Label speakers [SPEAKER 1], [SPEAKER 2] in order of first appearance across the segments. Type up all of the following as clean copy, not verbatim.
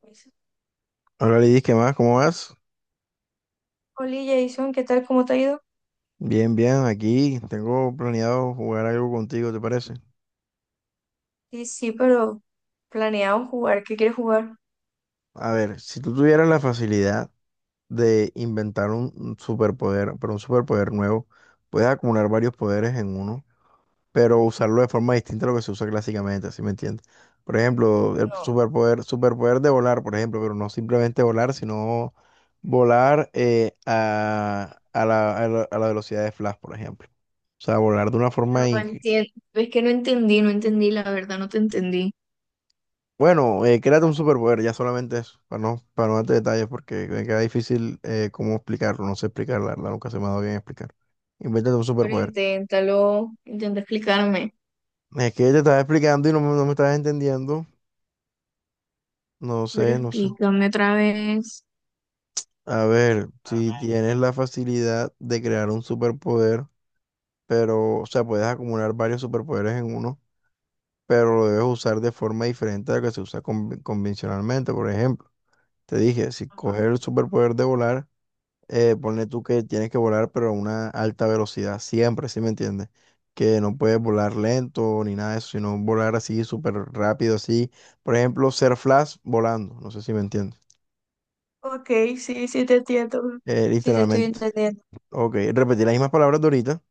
[SPEAKER 1] Hola
[SPEAKER 2] Hola Lidis, ¿qué más? ¿Cómo vas?
[SPEAKER 1] Jason, ¿qué tal? ¿Cómo te ha ido?
[SPEAKER 2] Bien, bien, aquí tengo planeado jugar algo contigo, ¿te parece?
[SPEAKER 1] Sí, sí, pero planeamos jugar. ¿Qué quieres jugar?
[SPEAKER 2] A ver, si tú tuvieras la facilidad de inventar un superpoder, pero un superpoder nuevo, puedes acumular varios poderes en uno, pero usarlo de forma distinta a lo que se usa clásicamente, ¿sí me entiendes? Por ejemplo, el
[SPEAKER 1] No.
[SPEAKER 2] superpoder de volar, por ejemplo, pero no simplemente volar, sino volar a, a la velocidad de Flash, por ejemplo. O sea, volar de una
[SPEAKER 1] Pero
[SPEAKER 2] forma
[SPEAKER 1] no
[SPEAKER 2] increíble.
[SPEAKER 1] entiendo, es que no entendí, no entendí, la verdad, no te entendí.
[SPEAKER 2] Bueno, créate un superpoder, ya solamente eso, para no darte detalles, porque me queda difícil cómo explicarlo, no sé explicar, la verdad, nunca se me ha dado bien explicar. Invéntate un
[SPEAKER 1] Pero
[SPEAKER 2] superpoder.
[SPEAKER 1] inténtalo, intenta explicarme.
[SPEAKER 2] Es que te estaba explicando y no me estabas entendiendo,
[SPEAKER 1] Pero
[SPEAKER 2] no sé.
[SPEAKER 1] explícame otra vez.
[SPEAKER 2] A ver, si tienes la facilidad de crear un superpoder, pero, o sea, puedes acumular varios superpoderes en uno, pero lo debes usar de forma diferente a la que se usa convencionalmente, por ejemplo. Te dije, si
[SPEAKER 1] Ajá.
[SPEAKER 2] coger el superpoder de volar, ponle tú que tienes que volar, pero a una alta velocidad, siempre, ¿sí me entiendes? Que no puedes volar lento ni nada de eso, sino volar así súper rápido, así. Por ejemplo, ser Flash volando, no sé si me entiendes.
[SPEAKER 1] Ok, sí, sí te entiendo. Sí te estoy
[SPEAKER 2] Literalmente.
[SPEAKER 1] entendiendo.
[SPEAKER 2] Ok, repetir las mismas palabras de ahorita.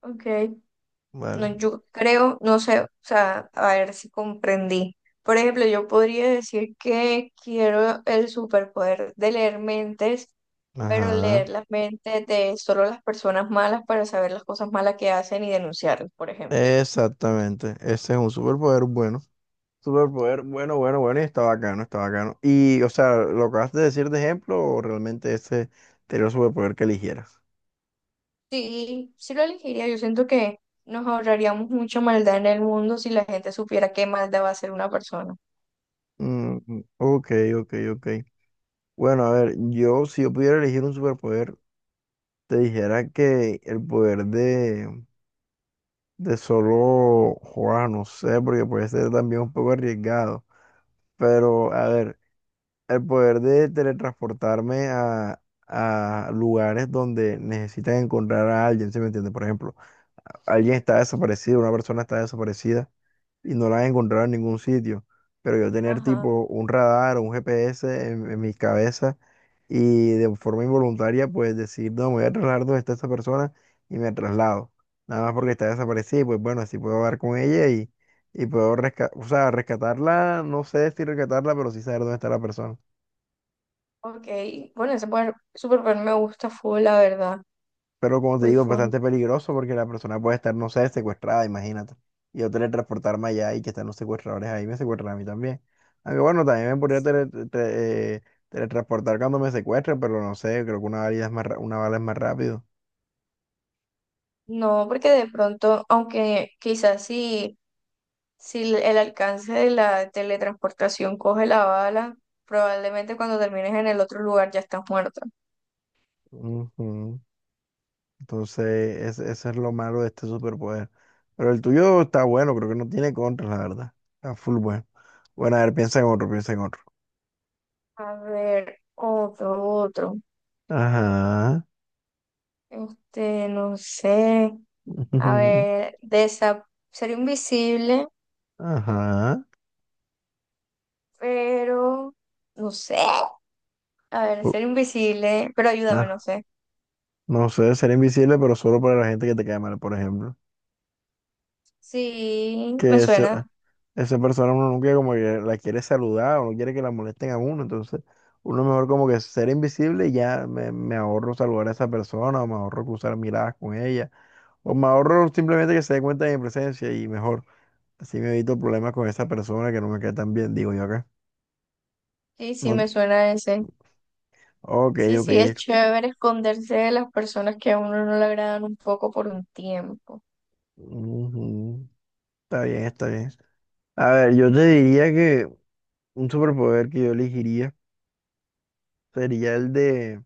[SPEAKER 1] Ok. No,
[SPEAKER 2] Vale.
[SPEAKER 1] yo creo, no sé, o sea, a ver si comprendí. Por ejemplo, yo podría decir que quiero el superpoder de leer mentes, pero
[SPEAKER 2] Ajá.
[SPEAKER 1] leer las mentes de solo las personas malas para saber las cosas malas que hacen y denunciarlas, por ejemplo.
[SPEAKER 2] Exactamente. Ese es un superpoder bueno. Superpoder bueno, bueno, bueno, y está bacano, está bacano. Y, o sea, ¿lo acabas de decir de ejemplo o realmente ese sería el superpoder que eligieras?
[SPEAKER 1] Sí, sí lo elegiría. Yo siento que nos ahorraríamos mucha maldad en el mundo si la gente supiera qué maldad va a hacer una persona.
[SPEAKER 2] Mm, mm, ok, ok, ok. Bueno, a ver, yo si yo pudiera elegir un superpoder, te dijera que el poder de solo jugar, no sé, porque puede ser también un poco arriesgado. Pero, a ver, el poder de teletransportarme a lugares donde necesitan encontrar a alguien, ¿sí me entiendes? Por ejemplo, alguien está desaparecido, una persona está desaparecida y no la han encontrado en ningún sitio. Pero yo tener
[SPEAKER 1] Ajá,
[SPEAKER 2] tipo un radar o un GPS en mi cabeza y de forma involuntaria pues decir, no, me voy a trasladar donde está esa persona y me traslado. Nada más porque está desaparecida y pues bueno, así puedo hablar con ella y puedo rescatar, o sea, rescatarla, no sé si rescatarla, pero sí saber dónde está la persona.
[SPEAKER 1] ok. Bueno, ese poder- superpoder me gusta full, la verdad.
[SPEAKER 2] Pero como te
[SPEAKER 1] Full,
[SPEAKER 2] digo, es
[SPEAKER 1] full.
[SPEAKER 2] bastante peligroso porque la persona puede estar, no sé, secuestrada, imagínate. Y yo teletransportarme allá y que están los secuestradores ahí, me secuestran a mí también. Aunque bueno, también me podría teletransportar cuando me secuestren, pero no sé, creo que una bala es una bala es más rápido.
[SPEAKER 1] No, porque de pronto, aunque quizás si, si el alcance de la teletransportación coge la bala, probablemente cuando termines en el otro lugar ya estás muerta.
[SPEAKER 2] Ujú. Entonces, eso es lo malo de este superpoder. Pero el tuyo está bueno, creo que no tiene contra, la verdad. Está full bueno. Bueno, a ver, piensa en otro, piensa en otro.
[SPEAKER 1] A ver, otro, otro.
[SPEAKER 2] Ajá.
[SPEAKER 1] Este, no sé. A ver, desa ser invisible,
[SPEAKER 2] Ajá.
[SPEAKER 1] pero no sé. A ver,
[SPEAKER 2] U-
[SPEAKER 1] ser invisible, pero ayúdame, no
[SPEAKER 2] Ajá.
[SPEAKER 1] sé.
[SPEAKER 2] No sé, ser invisible, pero solo para la gente que te cae mal, por ejemplo.
[SPEAKER 1] Sí, me
[SPEAKER 2] Que ese-
[SPEAKER 1] suena.
[SPEAKER 2] Esa persona uno nunca como que la quiere saludar o no quiere que la molesten a uno, entonces uno mejor como que ser invisible y ya me ahorro saludar a esa persona o me ahorro cruzar miradas con ella o me ahorro simplemente que se dé cuenta de mi presencia y mejor, así me evito problemas con esa persona que no me cae tan bien, digo yo acá.
[SPEAKER 1] Sí, sí,
[SPEAKER 2] No,
[SPEAKER 1] me suena ese.
[SPEAKER 2] ok,
[SPEAKER 1] Sí, sí, es
[SPEAKER 2] ok.
[SPEAKER 1] chévere esconderse de las personas que a uno no le agradan un poco por un tiempo.
[SPEAKER 2] Ujú. Está bien, está bien. A ver, yo te diría que un superpoder que yo elegiría sería el de...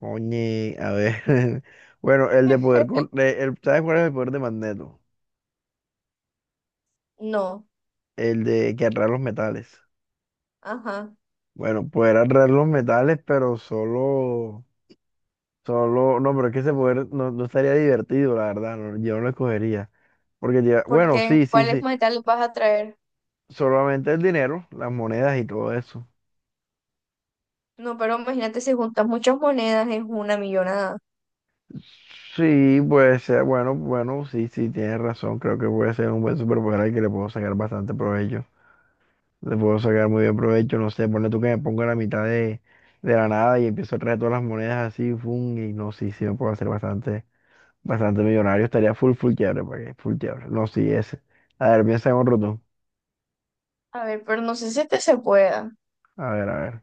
[SPEAKER 2] Oye, a ver. Bueno, el de poder... ¿sabes cuál es el poder de Magneto?
[SPEAKER 1] No,
[SPEAKER 2] El de que atrae los metales.
[SPEAKER 1] ajá.
[SPEAKER 2] Bueno, poder atraer los metales, pero solo. Solo. No, pero es que ese poder no estaría divertido, la verdad. No, yo no lo escogería. Bueno,
[SPEAKER 1] Porque,
[SPEAKER 2] sí, sí,
[SPEAKER 1] ¿cuáles
[SPEAKER 2] sí.
[SPEAKER 1] metales vas a traer?
[SPEAKER 2] Solamente el dinero, las monedas y todo eso.
[SPEAKER 1] No, pero imagínate si juntas muchas monedas es una millonada.
[SPEAKER 2] Sí, puede ser. Bueno, bueno, sí, sí, tienes razón. Creo que puede ser un buen superpoder al que le puedo sacar bastante provecho. Le puedo sacar muy bien provecho, no sé, ponle tú que me pongo a la mitad de la nada y empiezo a traer todas las monedas así, fum, y no, sí, sí me puedo hacer bastante, bastante millonario, estaría full, full quiebre, ¿para qué? Full quiebre, no, sí, ese. A ver, piensa en otro tú.
[SPEAKER 1] A ver, pero no sé si este se pueda.
[SPEAKER 2] A ver, a ver.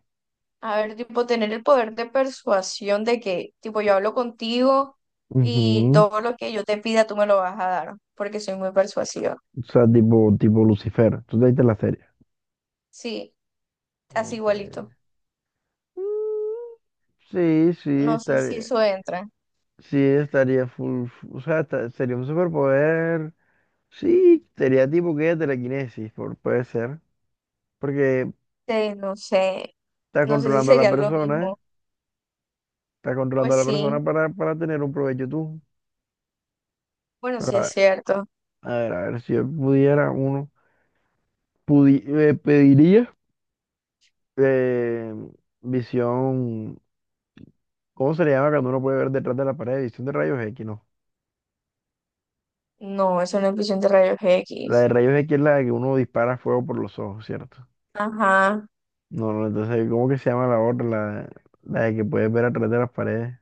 [SPEAKER 1] A ver, tipo, tener el poder de persuasión de que, tipo, yo hablo contigo y
[SPEAKER 2] Ujú.
[SPEAKER 1] todo lo que yo te pida tú me lo vas a dar, porque soy muy persuasiva.
[SPEAKER 2] O sea, tipo, tipo Lucifer, tú te viste la serie.
[SPEAKER 1] Sí, así
[SPEAKER 2] Ok.
[SPEAKER 1] igualito.
[SPEAKER 2] Mm. Sí,
[SPEAKER 1] No sé si eso entra.
[SPEAKER 2] sí, estaría full, sería un superpoder, sí, sería tipo que telequinesis, por, puede ser, porque...
[SPEAKER 1] No sé,
[SPEAKER 2] Estás
[SPEAKER 1] no sé si
[SPEAKER 2] controlando a la
[SPEAKER 1] sería lo
[SPEAKER 2] persona, ¿eh?
[SPEAKER 1] mismo.
[SPEAKER 2] Estás controlando a
[SPEAKER 1] Pues
[SPEAKER 2] la
[SPEAKER 1] sí,
[SPEAKER 2] persona para tener un provecho tú.
[SPEAKER 1] bueno,
[SPEAKER 2] Pero
[SPEAKER 1] sí
[SPEAKER 2] a
[SPEAKER 1] es
[SPEAKER 2] ver,
[SPEAKER 1] cierto.
[SPEAKER 2] a ver, si yo pudiera uno, pediría eh, visión. ¿Cómo se le llama cuando uno puede ver detrás de la pared? Visión de rayos X, no.
[SPEAKER 1] No, es una emisión de rayos
[SPEAKER 2] La de
[SPEAKER 1] X.
[SPEAKER 2] rayos X es la de que uno dispara fuego por los ojos, ¿cierto?
[SPEAKER 1] Ajá,
[SPEAKER 2] No, no, entonces, ¿cómo que se llama la otra? La de que puedes ver atrás de las paredes.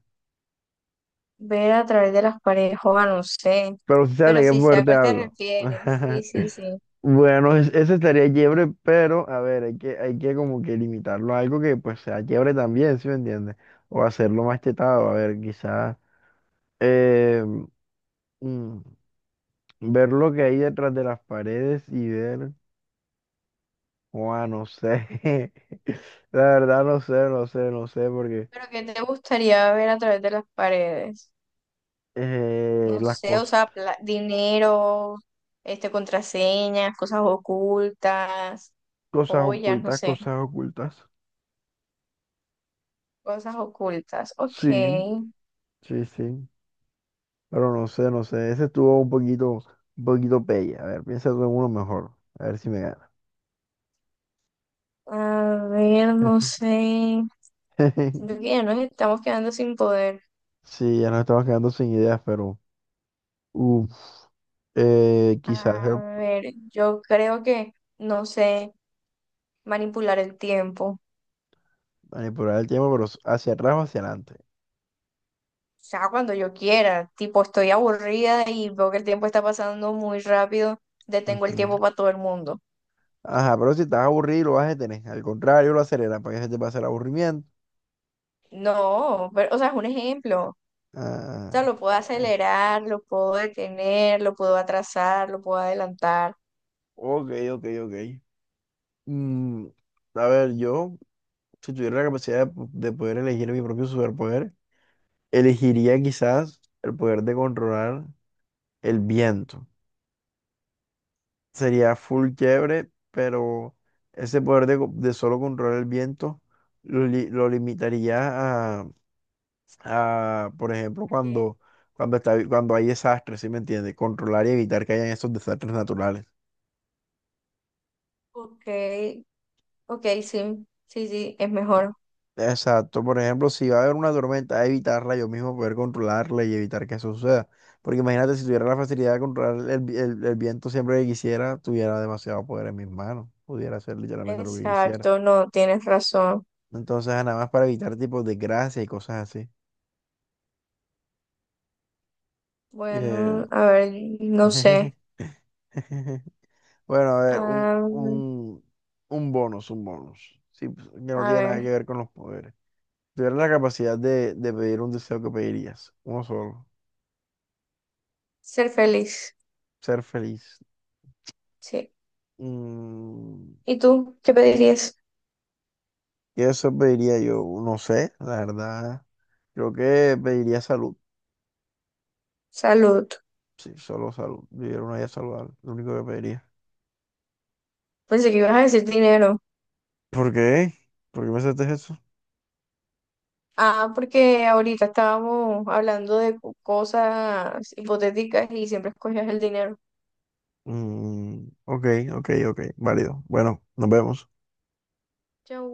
[SPEAKER 1] ver a través de las paredes, joda, no sé.
[SPEAKER 2] Pero si sabes de
[SPEAKER 1] Pero
[SPEAKER 2] qué
[SPEAKER 1] sí sé a
[SPEAKER 2] poder te
[SPEAKER 1] cuál te
[SPEAKER 2] hablo.
[SPEAKER 1] refieres. Sí, sí, sí.
[SPEAKER 2] Bueno, ese estaría chévere, pero a ver, hay que como que limitarlo a algo que pues sea chévere también, ¿sí me entiendes? O hacerlo más chetado, a ver, quizás eh, mm, ver lo que hay detrás de las paredes y ver, Juan, no sé, la verdad no sé, no sé, no sé, porque
[SPEAKER 1] Pero ¿qué te gustaría ver a través de las paredes? No
[SPEAKER 2] las
[SPEAKER 1] sé, o
[SPEAKER 2] cosas,
[SPEAKER 1] sea, pla- dinero, este, contraseñas, cosas ocultas, joyas, no sé,
[SPEAKER 2] cosas ocultas,
[SPEAKER 1] cosas ocultas. Ok,
[SPEAKER 2] sí, sí, sí, pero no sé, no sé, ese estuvo un poquito pelle, a ver, piensa tú en uno mejor, a ver si me gana.
[SPEAKER 1] a ver, no sé. Siento que ya nos estamos quedando sin poder.
[SPEAKER 2] Sí, ya nos estamos quedando sin ideas, pero uf, quizás
[SPEAKER 1] A ver, yo creo que, no sé, manipular el tiempo.
[SPEAKER 2] manipular el tiempo, pero hacia atrás o hacia adelante.
[SPEAKER 1] O sea, cuando yo quiera, tipo, estoy aburrida y veo que el tiempo está pasando muy rápido, detengo el
[SPEAKER 2] Ujú.
[SPEAKER 1] tiempo para todo el mundo.
[SPEAKER 2] Ajá, pero si estás aburrido, lo vas a detener. Al contrario, lo aceleras para que se te pase el aburrimiento.
[SPEAKER 1] No, pero, o sea, es un ejemplo. O sea,
[SPEAKER 2] Ah,
[SPEAKER 1] lo puedo
[SPEAKER 2] ok,
[SPEAKER 1] acelerar, lo puedo detener, lo puedo atrasar, lo puedo adelantar.
[SPEAKER 2] ok, ok. Ok. Mm, a ver, yo, si tuviera la capacidad de, de poder elegir mi propio superpoder, elegiría quizás el poder de controlar el viento. Sería full chévere, pero ese poder de, de solo controlar el viento lo limitaría a, a, por ejemplo,
[SPEAKER 1] Ok,
[SPEAKER 2] cuando hay desastres, ¿sí me entiendes? Controlar y evitar que hayan esos desastres naturales.
[SPEAKER 1] ok, ok, sí, sí, sí, es mejor.
[SPEAKER 2] Exacto, por ejemplo, si va a haber una tormenta, evitarla yo mismo, poder controlarla y evitar que eso suceda. Porque imagínate, si tuviera la facilidad de controlar el, el viento siempre que quisiera, tuviera demasiado poder en mis manos, pudiera hacer literalmente lo que quisiera.
[SPEAKER 1] Exacto, no, tienes razón.
[SPEAKER 2] Entonces, nada más para evitar tipos de gracia y cosas así. Eh,
[SPEAKER 1] Bueno, a ver, no sé.
[SPEAKER 2] bueno, a ver,
[SPEAKER 1] Am,
[SPEAKER 2] un bonus, un bonus. Sí, pues, que no
[SPEAKER 1] a
[SPEAKER 2] tiene nada que
[SPEAKER 1] ver,
[SPEAKER 2] ver con los poderes. Si tuvieras la capacidad de pedir un deseo, que pedirías? Uno solo.
[SPEAKER 1] ser feliz,
[SPEAKER 2] Ser feliz.
[SPEAKER 1] sí.
[SPEAKER 2] Mm,
[SPEAKER 1] ¿Y tú qué pedirías?
[SPEAKER 2] ¿qué eso pediría yo? No sé, la verdad. Creo que pediría salud.
[SPEAKER 1] Salud.
[SPEAKER 2] Sí, solo salud. Vivir una vida saludable, lo único que pediría.
[SPEAKER 1] Pensé que ibas a decir dinero.
[SPEAKER 2] ¿Por qué? ¿Por qué me haces eso?
[SPEAKER 1] Ah, porque ahorita estábamos hablando de cosas hipotéticas y siempre escogías el dinero.
[SPEAKER 2] Mm, ok, ok, ok, válido. Bueno, nos vemos.
[SPEAKER 1] Chau.